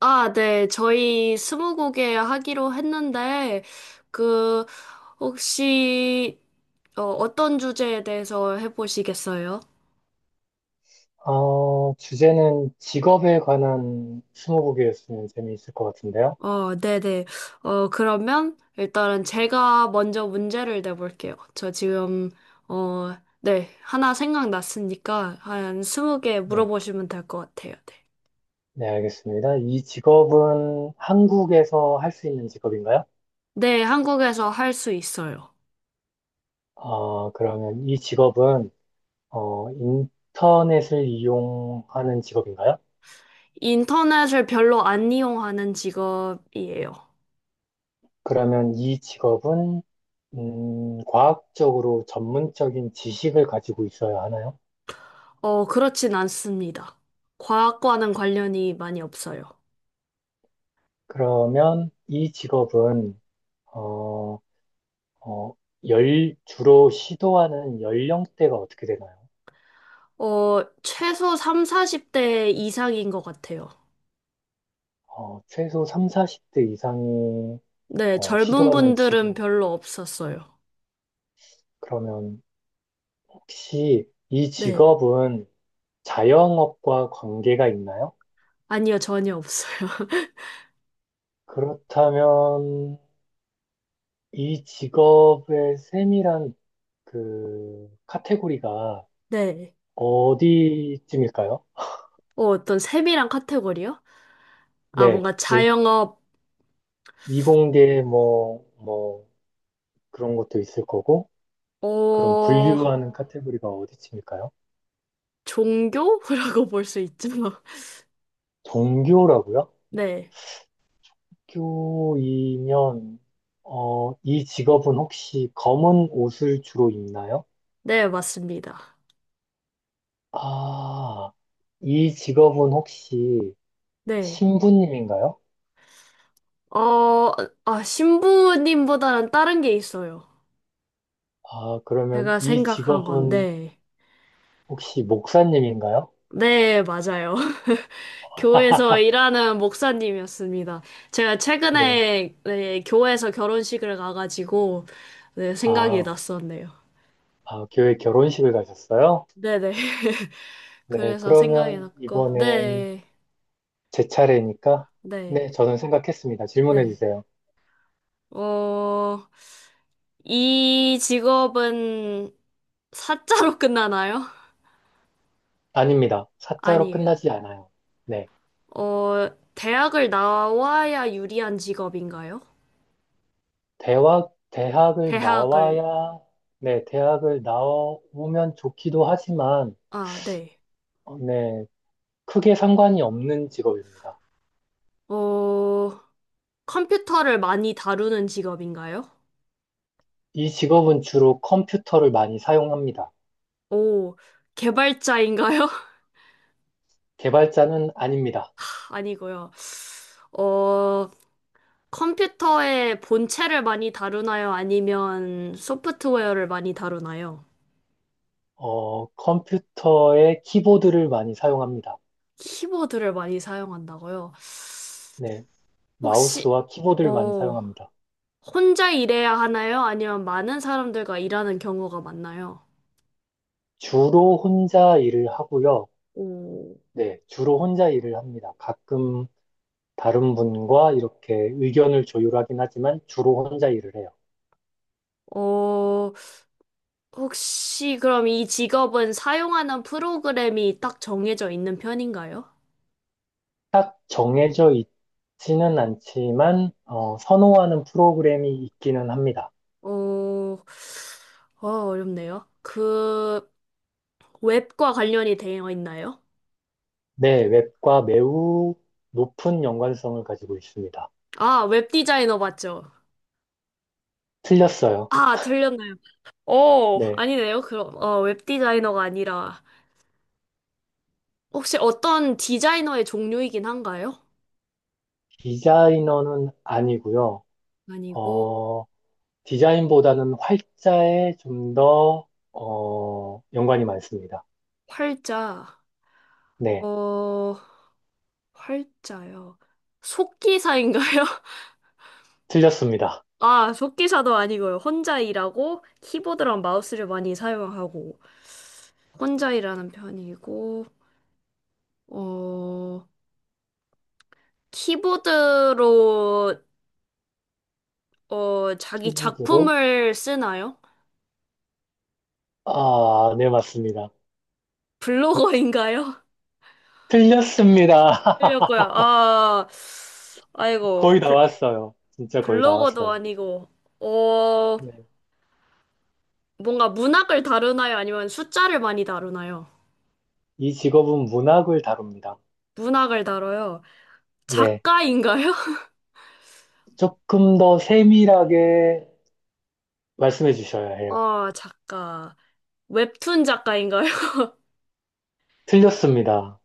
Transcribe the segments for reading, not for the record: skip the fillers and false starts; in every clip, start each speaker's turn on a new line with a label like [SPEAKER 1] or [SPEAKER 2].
[SPEAKER 1] 아, 네. 저희 스무고개 하기로 했는데, 그, 혹시, 어떤 주제에 대해서 해보시겠어요?
[SPEAKER 2] 주제는 직업에 관한 스무고개였으면 재미있을 것 같은데요.
[SPEAKER 1] 네네. 그러면 일단은 제가 먼저 문제를 내볼게요. 어, 네. 하나 생각났으니까 한 20개
[SPEAKER 2] 네.
[SPEAKER 1] 물어보시면 될 것 같아요. 네.
[SPEAKER 2] 네, 알겠습니다. 이 직업은 한국에서 할 수 있는 직업인가요?
[SPEAKER 1] 네, 한국에서 할 수 있어요.
[SPEAKER 2] 그러면 이 직업은, 인터넷을 이용하는 직업인가요?
[SPEAKER 1] 인터넷을 별로 안 이용하는 직업이에요.
[SPEAKER 2] 그러면 이 직업은, 과학적으로 전문적인 지식을 가지고 있어야 하나요?
[SPEAKER 1] 그렇진 않습니다. 과학과는 관련이 많이 없어요.
[SPEAKER 2] 그러면 이 직업은, 어, 어, 주로 시도하는 연령대가 어떻게 되나요?
[SPEAKER 1] 어, 최소 3, 40대 이상인 것 같아요.
[SPEAKER 2] 최소 3, 40대 이상이
[SPEAKER 1] 네, 젊은
[SPEAKER 2] 시도하는
[SPEAKER 1] 분들은
[SPEAKER 2] 직업.
[SPEAKER 1] 별로 없었어요.
[SPEAKER 2] 그러면 혹시 이
[SPEAKER 1] 네.
[SPEAKER 2] 직업은 자영업과 관계가 있나요?
[SPEAKER 1] 아니요, 전혀 없어요.
[SPEAKER 2] 그렇다면 이 직업의 세밀한 그 카테고리가
[SPEAKER 1] 네.
[SPEAKER 2] 어디쯤일까요?
[SPEAKER 1] 어, 어떤 세밀한 카테고리요? 아,
[SPEAKER 2] 네,
[SPEAKER 1] 뭔가
[SPEAKER 2] 일-
[SPEAKER 1] 자영업,
[SPEAKER 2] 이공계 뭐 그런 것도 있을 거고, 그럼
[SPEAKER 1] 어,
[SPEAKER 2] 분류하는 카테고리가 어디쯤일까요?
[SPEAKER 1] 종교라고 볼 수 있죠.
[SPEAKER 2] 동교라고요?
[SPEAKER 1] 네.
[SPEAKER 2] 교이면, 이 직업은 혹시 검은 옷을 주로 입나요?
[SPEAKER 1] 네, 맞습니다.
[SPEAKER 2] 아, 이 직업은 혹시
[SPEAKER 1] 네.
[SPEAKER 2] 신부님인가요?
[SPEAKER 1] 어, 아, 신부님보다는 다른 게 있어요.
[SPEAKER 2] 아, 그러면
[SPEAKER 1] 제가
[SPEAKER 2] 이
[SPEAKER 1] 생각한 건,
[SPEAKER 2] 직업은
[SPEAKER 1] 네.
[SPEAKER 2] 혹시 목사님인가요?
[SPEAKER 1] 네, 맞아요. 교회에서 일하는 목사님이었습니다. 제가
[SPEAKER 2] 네.
[SPEAKER 1] 최근에 네, 교회에서 결혼식을 가가지고 네, 생각이
[SPEAKER 2] 아,
[SPEAKER 1] 났었네요.
[SPEAKER 2] 아, 교회 결혼식을 가셨어요?
[SPEAKER 1] 네네.
[SPEAKER 2] 네,
[SPEAKER 1] 그래서 생각이
[SPEAKER 2] 그러면
[SPEAKER 1] 났고,
[SPEAKER 2] 이번엔
[SPEAKER 1] 네,
[SPEAKER 2] 제 차례니까, 네,
[SPEAKER 1] 네,
[SPEAKER 2] 저는 생각했습니다. 질문해
[SPEAKER 1] 네.
[SPEAKER 2] 주세요.
[SPEAKER 1] 어, 이 직업은 사자로 끝나나요?
[SPEAKER 2] 아닙니다. 사자로
[SPEAKER 1] 아니에요.
[SPEAKER 2] 끝나지 않아요. 네.
[SPEAKER 1] 어, 대학을 나와야 유리한 직업인가요?
[SPEAKER 2] 대학을
[SPEAKER 1] 대학을,
[SPEAKER 2] 나와야, 네, 대학을 나오면 좋기도 하지만,
[SPEAKER 1] 아, 네.
[SPEAKER 2] 네, 크게 상관이 없는 직업입니다.
[SPEAKER 1] 어, 컴퓨터를 많이 다루는 직업인가요?
[SPEAKER 2] 이 직업은 주로 컴퓨터를 많이 사용합니다.
[SPEAKER 1] 오, 개발자인가요?
[SPEAKER 2] 개발자는 아닙니다.
[SPEAKER 1] 아니고요. 어, 컴퓨터의 본체를 많이 다루나요? 아니면 소프트웨어를 많이 다루나요?
[SPEAKER 2] 컴퓨터의 키보드를 많이 사용합니다.
[SPEAKER 1] 키보드를 많이 사용한다고요?
[SPEAKER 2] 네,
[SPEAKER 1] 혹시,
[SPEAKER 2] 마우스와 키보드를 많이
[SPEAKER 1] 어,
[SPEAKER 2] 사용합니다.
[SPEAKER 1] 혼자 일해야 하나요? 아니면 많은 사람들과 일하는 경우가 많나요?
[SPEAKER 2] 주로 혼자 일을 하고요.
[SPEAKER 1] 오,
[SPEAKER 2] 네, 주로 혼자 일을 합니다. 가끔 다른 분과 이렇게 의견을 조율하긴 하지만 주로 혼자 일을 해요.
[SPEAKER 1] 어, 혹시 그럼 이 직업은 사용하는 프로그램이 딱 정해져 있는 편인가요?
[SPEAKER 2] 딱 정해져 있지는 않지만 선호하는 프로그램이 있기는 합니다.
[SPEAKER 1] 어, 어렵네요. 웹과 관련이 되어 있나요?
[SPEAKER 2] 네, 웹과 매우 높은 연관성을 가지고 있습니다.
[SPEAKER 1] 아, 웹 디자이너 맞죠?
[SPEAKER 2] 틀렸어요.
[SPEAKER 1] 아, 틀렸나요? 오,
[SPEAKER 2] 네,
[SPEAKER 1] 아니네요. 웹 디자이너가 아니라, 혹시 어떤 디자이너의 종류이긴 한가요?
[SPEAKER 2] 디자이너는 아니고요.
[SPEAKER 1] 아니고,
[SPEAKER 2] 어, 디자인보다는 활자에 좀 더, 연관이 많습니다.
[SPEAKER 1] 활자,
[SPEAKER 2] 네,
[SPEAKER 1] 어, 활자요. 속기사인가요?
[SPEAKER 2] 틀렸습니다.
[SPEAKER 1] 아, 속기사도 아니고요. 혼자 일하고, 키보드랑 마우스를 많이 사용하고, 혼자 일하는 편이고, 어, 키보드로 자기
[SPEAKER 2] 키보드로?
[SPEAKER 1] 작품을 쓰나요?
[SPEAKER 2] 아, 네, 맞습니다.
[SPEAKER 1] 블로거인가요?
[SPEAKER 2] 틀렸습니다.
[SPEAKER 1] 하려고요. 아, 아이고,
[SPEAKER 2] 거의 다
[SPEAKER 1] 블,
[SPEAKER 2] 왔어요. 진짜 거의 다
[SPEAKER 1] 블로거도
[SPEAKER 2] 왔어요.
[SPEAKER 1] 아니고, 어,
[SPEAKER 2] 네.
[SPEAKER 1] 뭔가 문학을 다루나요? 아니면 숫자를 많이 다루나요?
[SPEAKER 2] 이 직업은 문학을 다룹니다.
[SPEAKER 1] 문학을 다뤄요.
[SPEAKER 2] 네.
[SPEAKER 1] 작가인가요?
[SPEAKER 2] 조금 더 세밀하게 말씀해 주셔야 해요.
[SPEAKER 1] 아, 작가. 웹툰 작가인가요?
[SPEAKER 2] 틀렸습니다.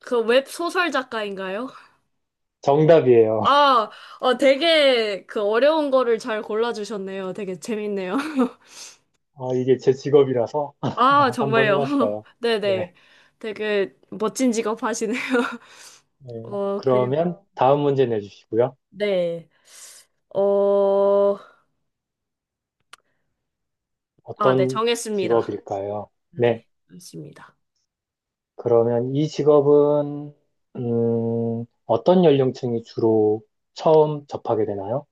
[SPEAKER 1] 그 웹소설 작가인가요?
[SPEAKER 2] 정답이에요.
[SPEAKER 1] 아, 되게 그 어려운 거를 잘 골라주셨네요. 되게 재밌네요.
[SPEAKER 2] 이게 제 직업이라서
[SPEAKER 1] 아,
[SPEAKER 2] 한번
[SPEAKER 1] 정말요.
[SPEAKER 2] 해봤어요. 네.
[SPEAKER 1] 네네. 되게 멋진 직업 하시네요.
[SPEAKER 2] 네.
[SPEAKER 1] 어, 그리고,
[SPEAKER 2] 그러면 다음 문제 내주시고요.
[SPEAKER 1] 네. 어, 아, 네,
[SPEAKER 2] 어떤
[SPEAKER 1] 정했습니다.
[SPEAKER 2] 직업일까요? 네.
[SPEAKER 1] 네, 맞습니다.
[SPEAKER 2] 그러면 이 직업은, 어떤 연령층이 주로 처음 접하게 되나요?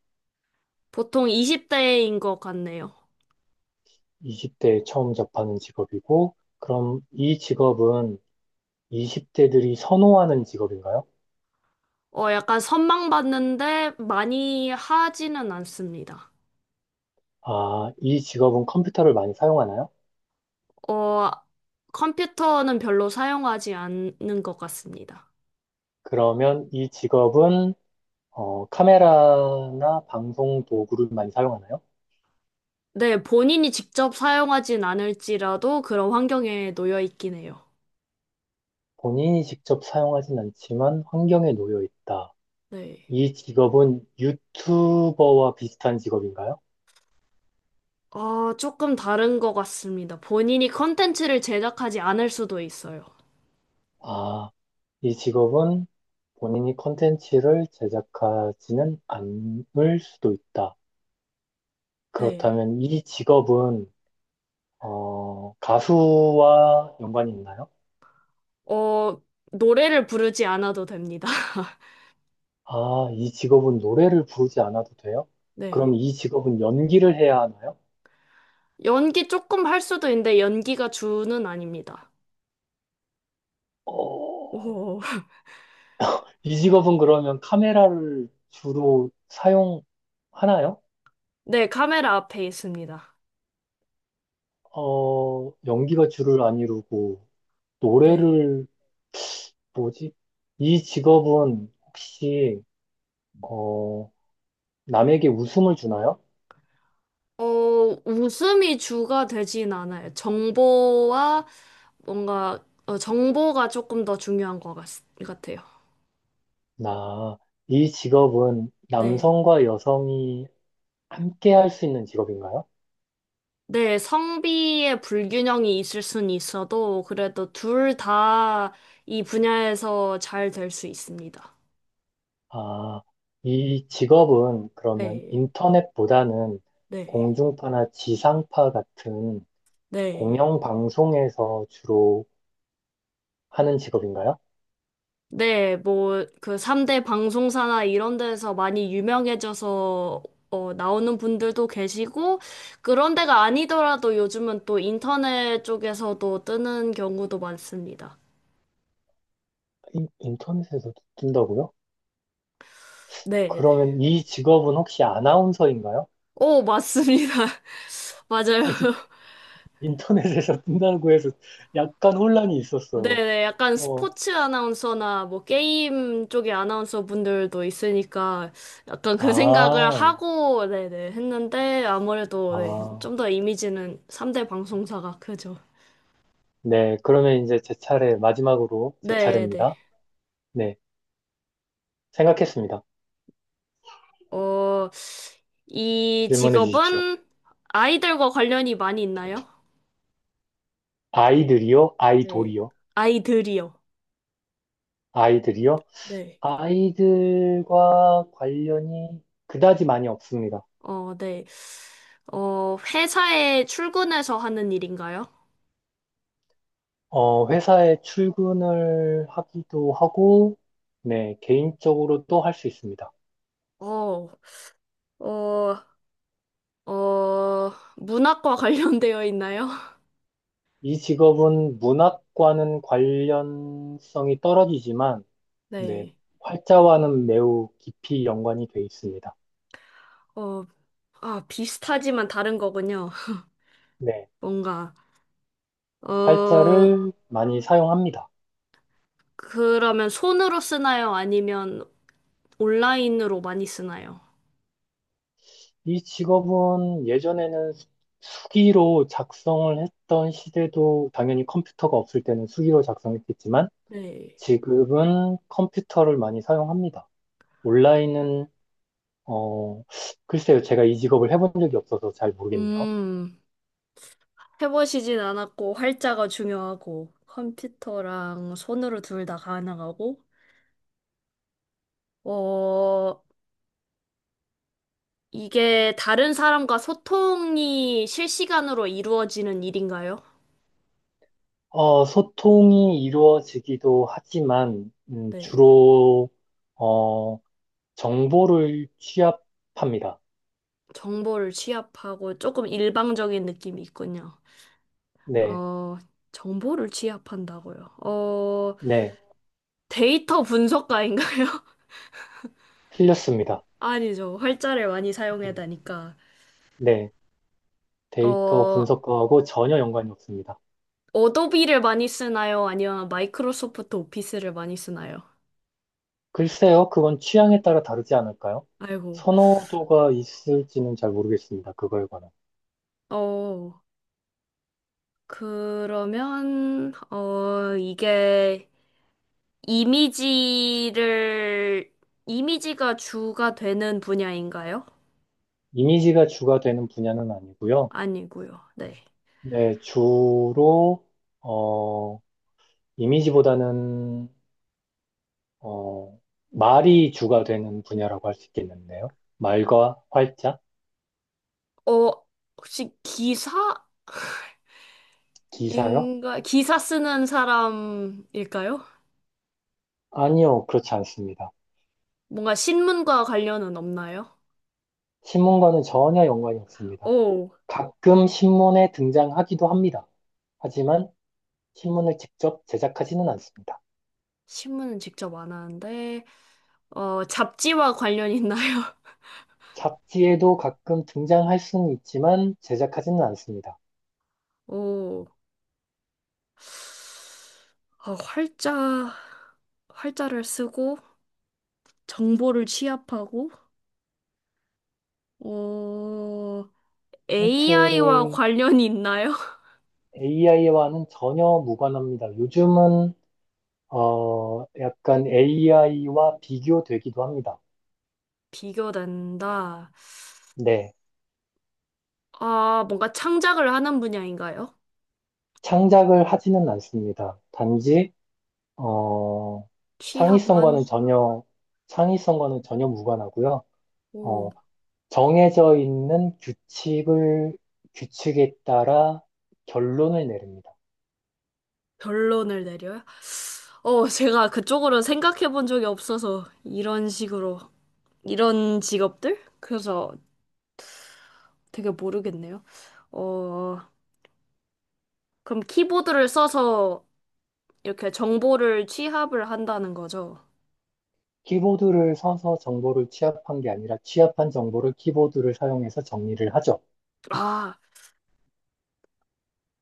[SPEAKER 1] 보통 20대인 것 같네요.
[SPEAKER 2] 20대에 처음 접하는 직업이고, 그럼 이 직업은 20대들이 선호하는 직업인가요?
[SPEAKER 1] 어, 약간 선망받는데 많이 하지는 않습니다.
[SPEAKER 2] 아, 이 직업은 컴퓨터를 많이 사용하나요?
[SPEAKER 1] 어, 컴퓨터는 별로 사용하지 않는 것 같습니다.
[SPEAKER 2] 그러면 이 직업은 카메라나 방송 도구를 많이 사용하나요?
[SPEAKER 1] 네, 본인이 직접 사용하진 않을지라도 그런 환경에 놓여 있긴 해요.
[SPEAKER 2] 본인이 직접 사용하진 않지만 환경에 놓여 있다.
[SPEAKER 1] 네.
[SPEAKER 2] 이 직업은 유튜버와 비슷한 직업인가요?
[SPEAKER 1] 어, 조금 다른 것 같습니다. 본인이 컨텐츠를 제작하지 않을 수도 있어요.
[SPEAKER 2] 아, 이 직업은 본인이 콘텐츠를 제작하지는 않을 수도 있다.
[SPEAKER 1] 네,
[SPEAKER 2] 그렇다면 이 직업은 가수와 연관이 있나요?
[SPEAKER 1] 어, 노래를 부르지 않아도 됩니다.
[SPEAKER 2] 아, 이 직업은 노래를 부르지 않아도 돼요? 그럼
[SPEAKER 1] 네.
[SPEAKER 2] 이 직업은 연기를 해야 하나요?
[SPEAKER 1] 연기 조금 할 수도 있는데 연기가 주는 아닙니다.
[SPEAKER 2] 어,
[SPEAKER 1] 오,
[SPEAKER 2] 이 직업은 그러면 카메라를 주로 사용하나요?
[SPEAKER 1] 네, 카메라 앞에 있습니다.
[SPEAKER 2] 어, 연기가 주를 안 이루고,
[SPEAKER 1] 네.
[SPEAKER 2] 노래를, 뭐지? 이 직업은 혹시, 어, 남에게 웃음을 주나요?
[SPEAKER 1] 어, 웃음이 주가 되진 않아요. 정보와 정보가 조금 더 중요한 것 같, 같아요.
[SPEAKER 2] 나, 이 직업은
[SPEAKER 1] 네.
[SPEAKER 2] 남성과 여성이 함께 할 수 있는 직업인가요?
[SPEAKER 1] 네, 성비의 불균형이 있을 순 있어도 그래도 둘 다 이 분야에서 잘 될 수 있습니다.
[SPEAKER 2] 아, 이 직업은 그러면
[SPEAKER 1] 네,
[SPEAKER 2] 인터넷보다는
[SPEAKER 1] 네,
[SPEAKER 2] 공중파나 지상파 같은
[SPEAKER 1] 네.
[SPEAKER 2] 공영 방송에서 주로 하는 직업인가요?
[SPEAKER 1] 네, 뭐, 그 3대 방송사나 이런 데서 많이 유명해져서 어, 나오는 분들도 계시고, 그런 데가 아니더라도 요즘은 또 인터넷 쪽에서도 뜨는 경우도 많습니다.
[SPEAKER 2] 인터넷에서도 뜬다고요?
[SPEAKER 1] 네, 네.
[SPEAKER 2] 그러면 이 직업은 혹시 아나운서인가요?
[SPEAKER 1] 오, 맞습니다. 맞아요.
[SPEAKER 2] 아니, 인터넷에서 뜬다고 해서 약간 혼란이 있었어요.
[SPEAKER 1] 네네, 약간
[SPEAKER 2] 어,
[SPEAKER 1] 스포츠 아나운서나 뭐 게임 쪽의 아나운서 분들도 있으니까 약간 그 생각을
[SPEAKER 2] 아,
[SPEAKER 1] 하고, 네네, 했는데 아무래도 네, 좀
[SPEAKER 2] 아,
[SPEAKER 1] 더 이미지는 3대 방송사가 크죠.
[SPEAKER 2] 네. 그러면 이제 마지막으로 제
[SPEAKER 1] 네네.
[SPEAKER 2] 차례입니다. 네. 생각했습니다.
[SPEAKER 1] 어, 이
[SPEAKER 2] 질문해 주십시오.
[SPEAKER 1] 직업은 아이들과 관련이 많이 있나요?
[SPEAKER 2] 아이들이요?
[SPEAKER 1] 네.
[SPEAKER 2] 아이돌이요?
[SPEAKER 1] 아이들이요.
[SPEAKER 2] 아이들이요?
[SPEAKER 1] 네.
[SPEAKER 2] 아이들과 관련이 그다지 많이 없습니다.
[SPEAKER 1] 어, 네. 회사에 출근해서 하는 일인가요?
[SPEAKER 2] 어, 회사에 출근을 하기도 하고, 네, 개인적으로도 할 수 있습니다.
[SPEAKER 1] 어, 어, 어, 문학과 관련되어 있나요?
[SPEAKER 2] 이 직업은 문학과는 관련성이 떨어지지만, 네,
[SPEAKER 1] 네.
[SPEAKER 2] 활자와는 매우 깊이 연관이 되어 있습니다.
[SPEAKER 1] 어, 아, 비슷하지만 다른 거군요.
[SPEAKER 2] 네,
[SPEAKER 1] 뭔가, 어,
[SPEAKER 2] 활자를 많이 사용합니다.
[SPEAKER 1] 그러면 손으로 쓰나요? 아니면 온라인으로 많이 쓰나요?
[SPEAKER 2] 이 직업은 예전에는 수기로 작성을 했던 시대도, 당연히 컴퓨터가 없을 때는 수기로 작성했겠지만
[SPEAKER 1] 네.
[SPEAKER 2] 지금은 컴퓨터를 많이 사용합니다. 온라인은 어 글쎄요, 제가 이 직업을 해본 적이 없어서 잘 모르겠네요.
[SPEAKER 1] 음, 해보시진 않았고, 활자가 중요하고, 컴퓨터랑 손으로 둘 다 가능하고, 어, 이게 다른 사람과 소통이 실시간으로 이루어지는 일인가요?
[SPEAKER 2] 소통이 이루어지기도 하지만
[SPEAKER 1] 네.
[SPEAKER 2] 주로 어 정보를 취합합니다.
[SPEAKER 1] 정보를 취합하고 조금 일방적인 느낌이 있군요.
[SPEAKER 2] 네,
[SPEAKER 1] 어, 정보를 취합한다고요. 어,
[SPEAKER 2] 네,
[SPEAKER 1] 데이터 분석가인가요?
[SPEAKER 2] 틀렸습니다.
[SPEAKER 1] 아니죠. 활자를 많이
[SPEAKER 2] 네.
[SPEAKER 1] 사용하다니까.
[SPEAKER 2] 네. 데이터
[SPEAKER 1] 어,
[SPEAKER 2] 분석과하고 전혀 연관이 없습니다.
[SPEAKER 1] 어도비를 많이 쓰나요? 아니면 마이크로소프트 오피스를 많이 쓰나요?
[SPEAKER 2] 글쎄요, 그건 취향에 따라 다르지 않을까요?
[SPEAKER 1] 아이고.
[SPEAKER 2] 선호도가 있을지는 잘 모르겠습니다. 그거에 관한.
[SPEAKER 1] 어, 이게 이미지를, 이미지가 주가 되는 분야인가요?
[SPEAKER 2] 이미지가 주가 되는 분야는 아니고요.
[SPEAKER 1] 아니고요. 네.
[SPEAKER 2] 네, 주로, 어, 이미지보다는, 어, 말이 주가 되는 분야라고 할 수 있겠는데요. 말과 활자?
[SPEAKER 1] 어, 혹시 기사인가?
[SPEAKER 2] 기사요?
[SPEAKER 1] 기사 쓰는 사람일까요?
[SPEAKER 2] 아니요, 그렇지 않습니다.
[SPEAKER 1] 뭔가 신문과 관련은 없나요?
[SPEAKER 2] 신문과는 전혀 연관이 없습니다.
[SPEAKER 1] 오,
[SPEAKER 2] 가끔 신문에 등장하기도 합니다. 하지만 신문을 직접 제작하지는 않습니다.
[SPEAKER 1] 신문은 직접 안 하는데, 잡지와 관련 있나요?
[SPEAKER 2] 잡지에도 가끔 등장할 수는 있지만 제작하지는 않습니다.
[SPEAKER 1] 오, 어, 아, 활자, 활자를 쓰고, 정보를 취합하고, 어, AI와
[SPEAKER 2] 힌트를
[SPEAKER 1] 관련이 있나요?
[SPEAKER 2] AI와는 전혀 무관합니다. 요즘은 약간 AI와 비교되기도 합니다.
[SPEAKER 1] 비교된다.
[SPEAKER 2] 네,
[SPEAKER 1] 아, 뭔가 창작을 하는 분야인가요?
[SPEAKER 2] 창작을 하지는 않습니다. 단지 어,
[SPEAKER 1] 취합만?
[SPEAKER 2] 창의성과는 전혀 창의성과는 전혀 무관하고요.
[SPEAKER 1] 오.
[SPEAKER 2] 어, 정해져 있는 규칙을 규칙에 따라 결론을 내립니다.
[SPEAKER 1] 결론을 내려요? 어, 제가 그쪽으로 생각해 본 적이 없어서 이런 식으로 이런 직업들? 그래서 되게 모르겠네요. 어, 그럼 키보드를 써서 이렇게 정보를 취합을 한다는 거죠.
[SPEAKER 2] 키보드를 서서 정보를 취합한 게 아니라 취합한 정보를 키보드를 사용해서 정리를 하죠.
[SPEAKER 1] 아,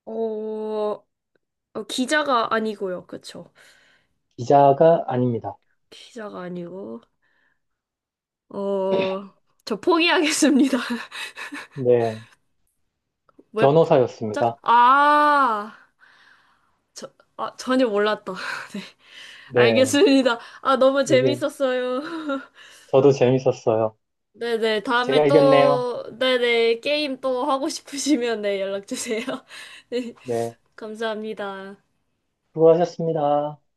[SPEAKER 1] 어, 기자가 아니고요. 그쵸?
[SPEAKER 2] 기자가 아닙니다.
[SPEAKER 1] 기자가 아니고. 어, 저 포기하겠습니다.
[SPEAKER 2] 네,
[SPEAKER 1] 웹작,
[SPEAKER 2] 변호사였습니다.
[SPEAKER 1] 아, 저, 아, 전혀 몰랐다. 네.
[SPEAKER 2] 네,
[SPEAKER 1] 알겠습니다. 아, 너무
[SPEAKER 2] 이게
[SPEAKER 1] 재밌었어요.
[SPEAKER 2] 저도 재밌었어요.
[SPEAKER 1] 네네, 다음에
[SPEAKER 2] 제가 이겼네요.
[SPEAKER 1] 또, 네네, 게임 또 하고 싶으시면 네, 연락 주세요. 네,
[SPEAKER 2] 네,
[SPEAKER 1] 감사합니다.
[SPEAKER 2] 수고하셨습니다.